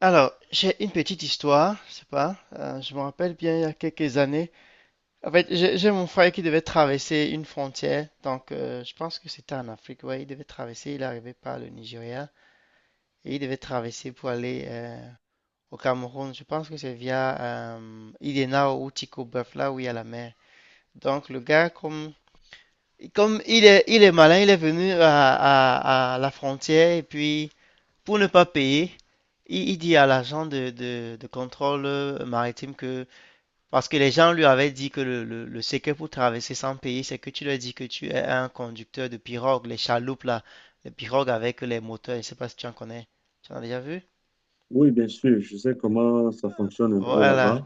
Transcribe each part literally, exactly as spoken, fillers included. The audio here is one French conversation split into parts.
Alors, j'ai une petite histoire, je sais pas, euh, je me rappelle bien il y a quelques années. En fait, j'ai j'ai mon frère qui devait traverser une frontière, donc euh, je pense que c'était en Afrique, ouais, il devait traverser, il arrivait par le Nigeria, et il devait traverser pour aller euh, au Cameroun, je pense que c'est via euh, Idena ou Tikoboeuf, là où il y a la mer. Donc le gars, comme, comme il est, il est malin, il est venu à, à à la frontière, et puis... Pour ne pas payer, il, il dit à l'agent de, de- de contrôle maritime que, parce que les gens lui avaient dit que le, le, le secret pour traverser sans payer, c'est que tu leur dis que tu es un conducteur de pirogue, les chaloupes là, les pirogues avec les moteurs, je sais pas si tu en connais. Tu en as déjà vu? Oui, bien sûr, je sais comment ça fonctionne un peu Voilà, là-bas.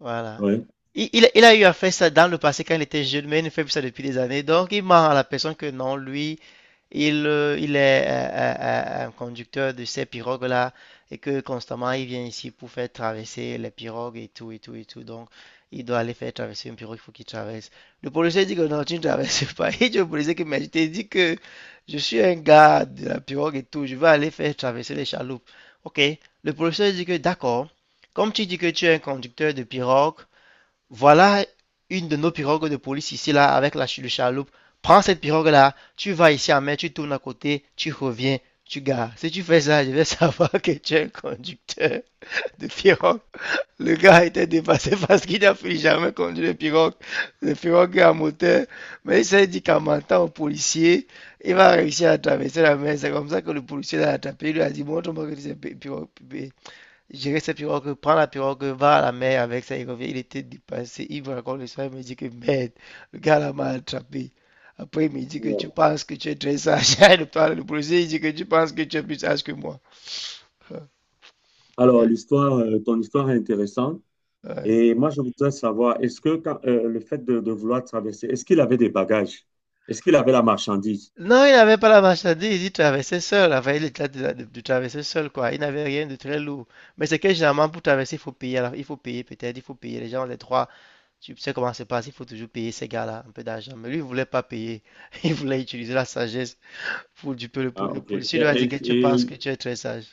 voilà. Ouais. Il, il- il a eu à faire ça dans le passé quand il était jeune, mais il ne fait plus ça depuis des années. Donc, il ment à la personne que non, lui, il, euh, il est euh, euh, euh, un conducteur de ces pirogues-là et que constamment il vient ici pour faire traverser les pirogues et tout et tout et tout. Donc il doit aller faire traverser une pirogue, il faut qu'il traverse. Le policier dit que non, tu ne traverses pas. Et le policier qui m'a dit que je suis un gars de la pirogue et tout, je vais aller faire traverser les chaloupes. Ok, le policier dit que d'accord, comme tu dis que tu es un conducteur de pirogue, voilà une de nos pirogues de police ici, là, avec la chaloupe. Prends cette pirogue-là, tu vas ici en mer, tu tournes à côté, tu reviens, tu gares. Si tu fais ça, je vais savoir que tu es un conducteur de pirogue. Le gars était dépassé parce qu'il n'a plus jamais conduit de pirogue. Le pirogue est à moteur. Mais il s'est dit qu'en mentant au policier, il va réussir à traverser la mer. C'est comme ça que le policier l'a attrapé. Il lui a dit, montre-moi que tu sais pirogue- je dirais sa pirogue, prends la pirogue, va à la mer avec ça, il revient, il était dépassé, il me raconte l'histoire, il me dit que merde, le gars là m'a attrapé. Après il me dit que tu Alors, penses que tu es très sage, il parle le policier, il dit que tu penses que tu es plus sage que moi. alors, l'histoire, euh, ton histoire est intéressante. Ouais. Et moi, je voudrais savoir, est-ce que quand- euh, le fait de, de vouloir traverser, est-ce qu'il avait des bagages? Est-ce qu'il avait la marchandise? Non, il n'avait pas la marchandise, il traversait seul, enfin il était de, de- de traverser seul quoi, il n'avait rien de très lourd. Mais c'est que généralement pour traverser il faut payer, alors il faut payer peut-être, il faut payer, les gens les trois, tu sais comment ça se passe, il faut toujours payer ces gars-là un peu d'argent. Mais lui il voulait pas payer, il voulait utiliser la sagesse pour du peu, le, po- Ah, le ok. Et, policier lui a dit que et- tu penses que et- tu es très sage.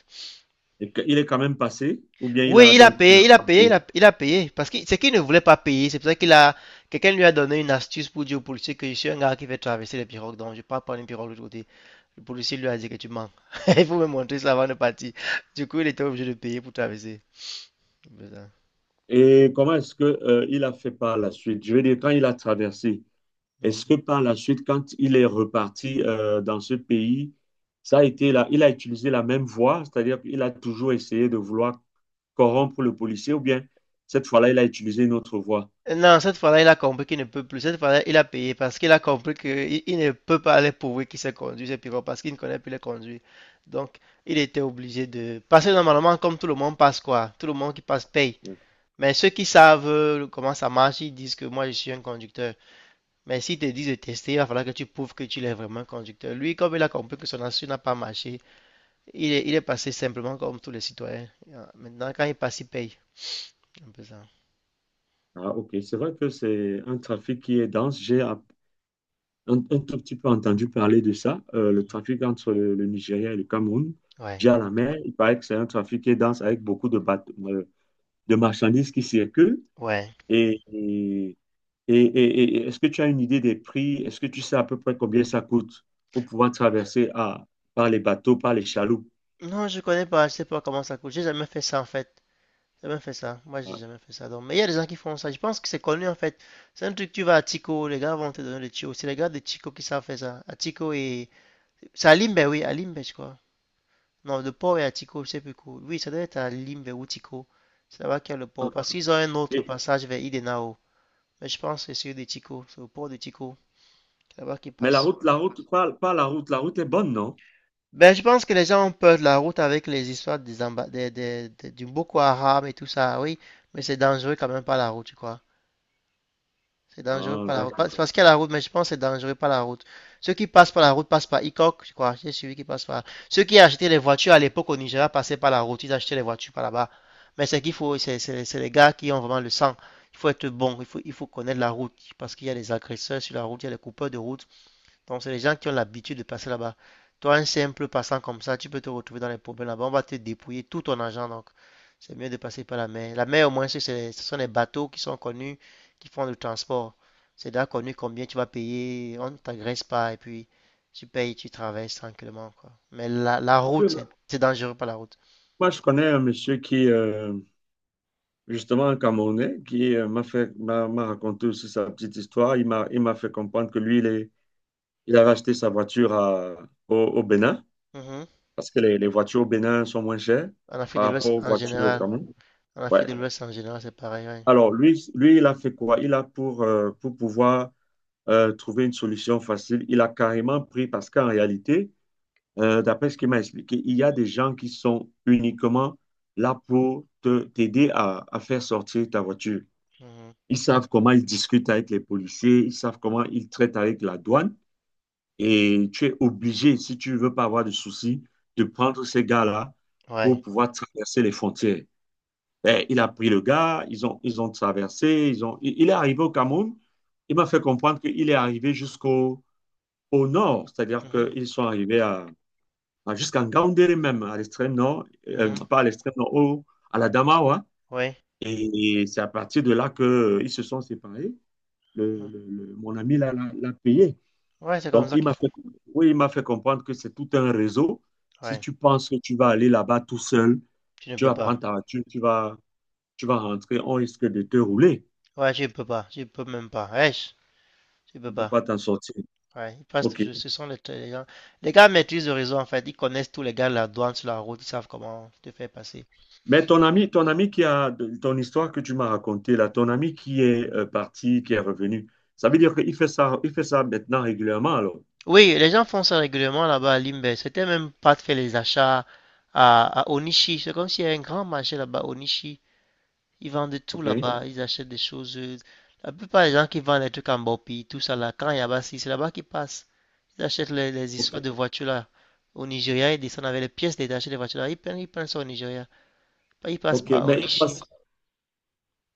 et que- il est quand même passé, ou bien il Oui, a il a donc payé, il finalement a payé, il payé? a, il a payé. Parce que c'est qu'il ne voulait pas payer. C'est pour ça qu'il a. Quelqu'un lui a donné une astuce pour dire au policier que je suis un gars qui fait traverser les pirogues. Donc, je pars prendre une pirogue de l'autre côté. Le policier lui a dit que tu mens. Il faut me montrer ça avant de partir. Du coup, il était obligé de payer pour traverser. Putain. Et comment est-ce que, euh, il a fait par la suite? Je veux dire, quand il a traversé, est-ce que Mhm. par la suite, quand il est reparti euh, dans ce pays, ça a été là, il a utilisé la même voie, c'est-à-dire qu'il a toujours essayé de vouloir corrompre le policier, ou bien cette fois-là, il a utilisé une autre voie? Non, cette fois-là, il a compris qu'il ne peut plus. Cette fois-là, il a payé parce qu'il a compris qu'il il ne peut pas aller prouver qu'il sait conduire ses pirogues parce qu'il ne connaît plus les conduire. Donc, il était obligé de passer normalement comme tout le monde passe quoi. Tout le monde qui passe paye. Oui. Mais ceux qui savent euh, comment ça marche, ils disent que moi je suis un conducteur. Mais s'ils te disent de tester, il va falloir que tu prouves que tu es vraiment un conducteur. Lui, comme il a compris que son assurance n'a pas marché, il est, il est passé simplement comme tous les citoyens. Maintenant, quand il passe, il paye. Un peu ça. Ah, ok, c'est vrai que c'est un trafic qui est dense. J'ai app- un, un tout petit peu entendu parler de ça, euh, le trafic entre le, le Nigeria et le Cameroun Ouais, via la mer. Il paraît que c'est un trafic qui est dense avec beaucoup de, bate- euh, de marchandises qui circulent. ouais. Et, et, et- et- et est-ce que tu as une idée des prix? Est-ce que tu sais à peu près combien ça coûte pour pouvoir traverser à, par les bateaux, par les chaloupes? Non, je connais pas, je sais pas comment ça coûte. J'ai jamais fait ça en fait. J'ai jamais fait ça. Moi, j'ai Ah, jamais fait ça. Donc, mais il y a des gens qui font ça. Je pense que c'est connu en fait. C'est un truc, tu vas à Tico, les gars vont te donner le tuyau. C'est les gars de Tico qui savent faire ça. À Tico et. C'est à Limbe, oui, à Limbe, je crois. Non, le port est à Tico, je sais plus quoi. Oui, ça doit être à Limbe ou Tico. C'est là-bas qu'il y a le port. ok. Parce qu'ils ont un autre passage vers Idenao. Mais je pense que c'est celui de Tico. C'est le port de Tico. C'est là-bas qu'il Mais la passe. route, la route, pas, pas la route, la route est bonne, non? Ben, je pense que les gens ont peur de la route avec les histoires des, amba- des- des- des- du Boko Haram et tout ça, oui, mais c'est dangereux quand même pas la route, tu crois. C'est dangereux Ah, pas la route. Pas- d'accord. C'est parce qu'il y a la route, mais je pense que c'est dangereux pas la route. Ceux qui passent par la route passent par Ikok, je crois. J'ai suivi qui passent par. Ceux qui achetaient les voitures à l'époque au Nigeria passaient par la route, ils achetaient les voitures par là-bas. Mais c'est qu'il faut, c'est c'est- c'est les gars qui ont vraiment le sang. Il faut être bon, il faut, il faut connaître la route, parce qu'il y a des agresseurs sur la route, il y a des coupeurs de route. Donc, c'est les gens qui ont l'habitude de passer là-bas. Toi, un simple passant comme ça, tu peux te retrouver dans les problèmes là-bas. On va te dépouiller tout ton argent. Donc, c'est mieux de passer par la mer. La mer, au moins, c'est- ce sont les bateaux qui sont connus, qui font le transport. C'est déjà connu combien tu vas payer. On ne t'agresse pas. Et puis, tu payes, tu traverses tranquillement, quoi. Mais la, la Oui. route, Moi, c'est c'est dangereux par la route. moi, je connais un monsieur qui, euh, justement, un Camerounais, qui euh, m'a fait, m'a m'a raconté aussi sa petite histoire. Il m'a, il m'a fait comprendre que lui, il est- il a racheté sa voiture à- au, au Bénin, Mhm. parce que les, les voitures au Bénin sont moins chères En Afrique par de l'Ouest, rapport aux en voitures au général. Cameroun. En Ouais. Afrique de l'Ouest, en général, c'est pareil, ouais. Alors, lui, lui, il a fait quoi? Il a pour, euh, pour pouvoir euh, trouver une solution facile, il a carrément pris, parce qu'en réalité, euh, d'après ce qu'il m'a expliqué, il y a des gens qui sont uniquement là pour te, t'aider à, à faire sortir ta voiture. Mhm. Ils savent comment ils discutent avec les policiers, ils savent comment ils traitent avec la douane. Et tu es obligé, si tu ne veux pas avoir de soucis, de prendre ces gars-là pour Ouais. pouvoir traverser les frontières. Ben, il a pris le gars, ils ont, ils ont traversé, ils ont, il il est arrivé au Cameroun. Il m'a fait comprendre qu'il est arrivé jusqu'au au nord, c'est-à-dire Mhm. qu'ils sont arrivés à, à- jusqu'en Ngaoundéré même, à l'extrême nord, euh, Mhm. pas à l'extrême nord, au- à la Damawa. Ouais. Et c'est à partir de là qu'ils se sont séparés. Le, le- le- mon ami l'a l'a- l'a payé. Ouais, c'est comme Donc, ça il qu'il m'a faut. fait, oui, il m'a fait comprendre que c'est tout un réseau. Si Ouais. tu penses que tu vas aller là-bas tout seul, Tu ne tu peux vas pas. prendre ta voiture, tu vas tu vas rentrer, on risque de te rouler. Ouais, tu ne peux pas. Tu ne peux même pas. Ouais, tu ne Tu peux ne peux pas. pas t'en sortir. Ouais, ils passent OK. toujours. Ce sont les, les gens. Les gars maîtrisent le réseau, en fait. Ils connaissent tous les gars de la douane sur la route. Ils savent comment te faire passer. Mais ton ami, ton ami qui a ton histoire que tu m'as racontée, là, ton ami qui est euh, parti, qui est revenu, ça veut dire qu'il fait ça, il fait ça maintenant régulièrement, alors. Oui, les gens font ça régulièrement là-bas à Limbe. C'était même pas de faire les achats à, à Onishi. C'est comme s'il y avait un grand marché là-bas, Onishi. Ils vendent de tout OK. là-bas. Ils achètent des choses. euh, La plupart des gens qui vendent des trucs en Bopi, tout ça là, quand il y a Bassi, c'est là-bas qu'ils passent. Ils achètent les, les histoires OK. de voitures là. Au Nigeria, ils descendent avec les pièces détachées des voitures là. Ils prennent, ils prennent ça au Nigeria. Ils passent OK. par Mais il Onishi. passe.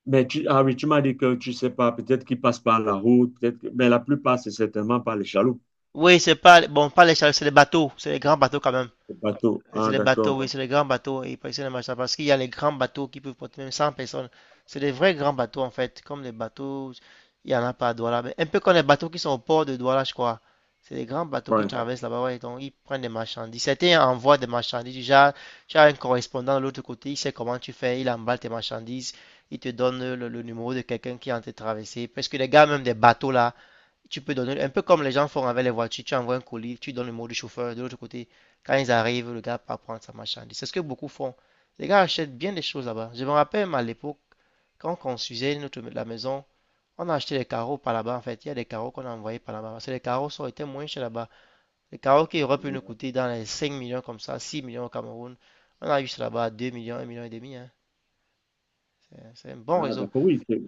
Mais tu, ah oui, tu m'as dit que tu ne sais pas, peut-être qu'il passe par la route, peut-être que- mais la plupart, c'est certainement par les chaloupes, Oui, c'est pas, bon, pas les chars, c'est les bateaux. C'est les grands bateaux quand même. les bateaux. C'est Ah, les bateaux, d'accord. oui, c'est les grands bateaux. Oui, ils prennent les machins parce qu'il y a les grands bateaux qui peuvent porter même cent personnes. C'est des vrais grands bateaux en fait, comme les bateaux. Il n'y en a pas à Douala. Mais un peu comme les bateaux qui sont au port de Douala, je crois. C'est des grands bateaux qui Ouais. traversent là-bas, ouais, donc ils prennent des marchandises. Certains envoient des marchandises. Déjà, tu as un correspondant de l'autre côté, il sait comment tu fais, il emballe tes marchandises, il te donne le, le numéro de quelqu'un qui est en train de traverser. Parce que les gars, même des bateaux là, tu peux donner, un peu comme les gens font avec les voitures, tu envoies un colis, tu donnes le mot du chauffeur, de l'autre côté, quand ils arrivent, le gars part prendre sa marchandise. C'est ce que beaucoup font. Les gars achètent bien des choses là-bas. Je me rappelle même à l'époque, quand on construisait notre, la maison, on a acheté des carreaux par là-bas, en fait. Il y a des carreaux qu'on a envoyés par là-bas. Parce que les carreaux sont été moins chers là-bas. Les carreaux qui auraient pu nous coûter dans les cinq millions comme ça, six millions au Cameroun. On a eu ça là-bas à deux millions, un million et demi. Hein. C'est un bon Ah, réseau. d'accord, oui. C'est-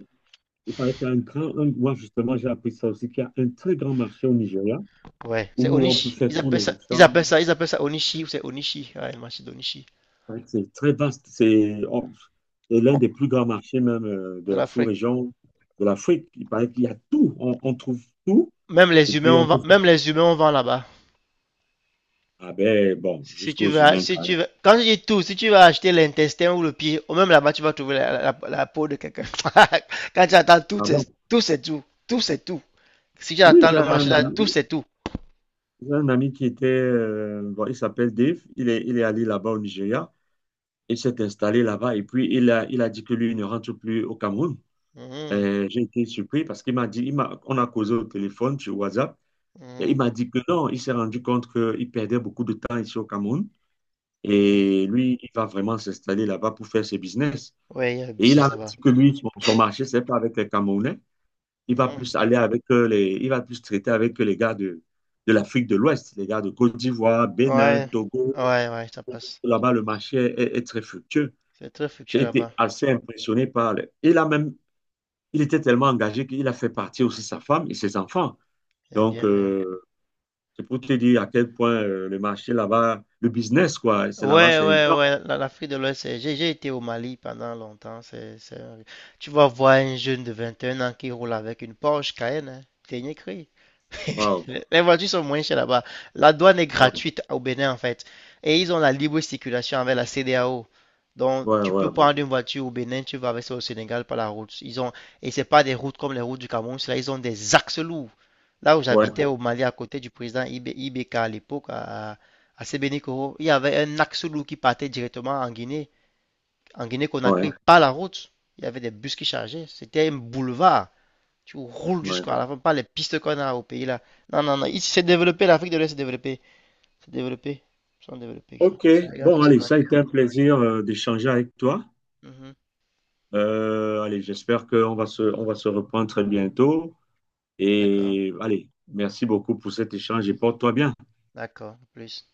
il paraît qu'il y a un grand, un- moi, justement, j'ai appris ça aussi, qu'il y a un très grand marché au Nigeria Ouais. C'est oui. où on peut Onishi. faire Ils tous appellent les ça, ils achats. appellent ça, ils appellent ça Onishi ou c'est Onishi. Ouais, le marché d'Onishi. C'est vrai que c'est très vaste. C'est on- c'est l'un des plus grands marchés même euh, de De la l'Afrique. sous-région de l'Afrique. Il paraît qu'il y a tout. On, on trouve tout. Même Et les humains, puis, on on vend, trouve... même les humains, on vend là-bas. Ah ben, bon, Si si tu jusqu'aux veux, humains si quand tu même. veux, quand je dis tout, si tu vas acheter l'intestin ou le pied, ou même là-bas, tu vas trouver la, la- la peau de quelqu'un. Quand tu attends tout, Ah c'est bon. tout, c'est tout. Tout, c'est tout. Si tu Oui, attends j'ai le marché un là, ami, tout, c'est tout. j'ai un ami qui était... euh, bon, il s'appelle Dave. Il est, il est allé là-bas au Nigeria. Il s'est installé là-bas. Et puis, il a, il a dit que lui, il ne rentre plus au Cameroun. Mhm, Euh, j'ai été surpris parce qu'il m'a dit... Il m'a, on a causé au téléphone sur WhatsApp. Mais mhm, il m'a dit que non, il s'est rendu compte qu'il perdait beaucoup de temps ici au Cameroun. mhm. Et lui, il va vraiment s'installer là-bas pour faire ses business. Ouais, il y a un Et il business a là-bas. dit que lui, son, son marché, c'est pas avec les Camerounais. Il va Mhm. plus aller avec euh, les, il va plus traiter avec les gars de, de l'Afrique de l'Ouest, les gars de Côte d'Ivoire, Bénin, Ouais, Togo. ouais, ouais, ça passe. Là-bas, le marché est, est très fructueux. C'est très fructueux J'ai été là-bas. assez impressionné par le- il a même, il était tellement engagé qu'il a fait partir aussi sa femme et ses enfants. Il y a bien Donc, fait. Hein. euh, c'est pour te dire à quel point euh, le marché là-bas, le business, quoi, c'est là-bas, Ouais, c'est ouais, intense. ouais, la- l'Afrique de l'Ouest, c'est- j'ai j'ai été au Mali pendant longtemps. C'est, c'est Tu vas voir un jeune de 21 ans qui roule avec une Porsche Cayenne, hein, dernier cri. Wow. Les les voitures sont moins chères là-bas. La douane est Wow. gratuite au Bénin en fait. Et ils ont la libre circulation avec la CEDEAO. Donc Ouais, tu ouais, peux prendre une voiture au Bénin, tu vas avec ça au Sénégal par la route. Ils ont et c'est pas des routes comme les routes du Cameroun, là ils ont des axes lourds. Là où ouais, j'habitais au Mali à côté du président Ibé- I B K à l'époque à à Sebenikoro, il y avait un axe lourd qui partait directement en Guinée, en Guinée-Conakry, ouais, par la route. Il y avait des bus qui chargeaient. C'était un boulevard. Tu roules ouais. Ouais. jusqu'à la fin, pas les pistes qu'on a au pays là. Non, non, non. Ici, c'est développé. L'Afrique de l'Ouest s'est développée. C'est développé. Ils sont développés, ça. OK. C'est les gars Bon, qui se allez, battent. ça a été un plaisir euh, d'échanger avec toi. Mhm. Euh, allez, j'espère qu'on va se, on va se reprendre très bientôt. D'accord. Et allez, merci beaucoup pour cet échange et porte-toi bien. D'accord. Plus.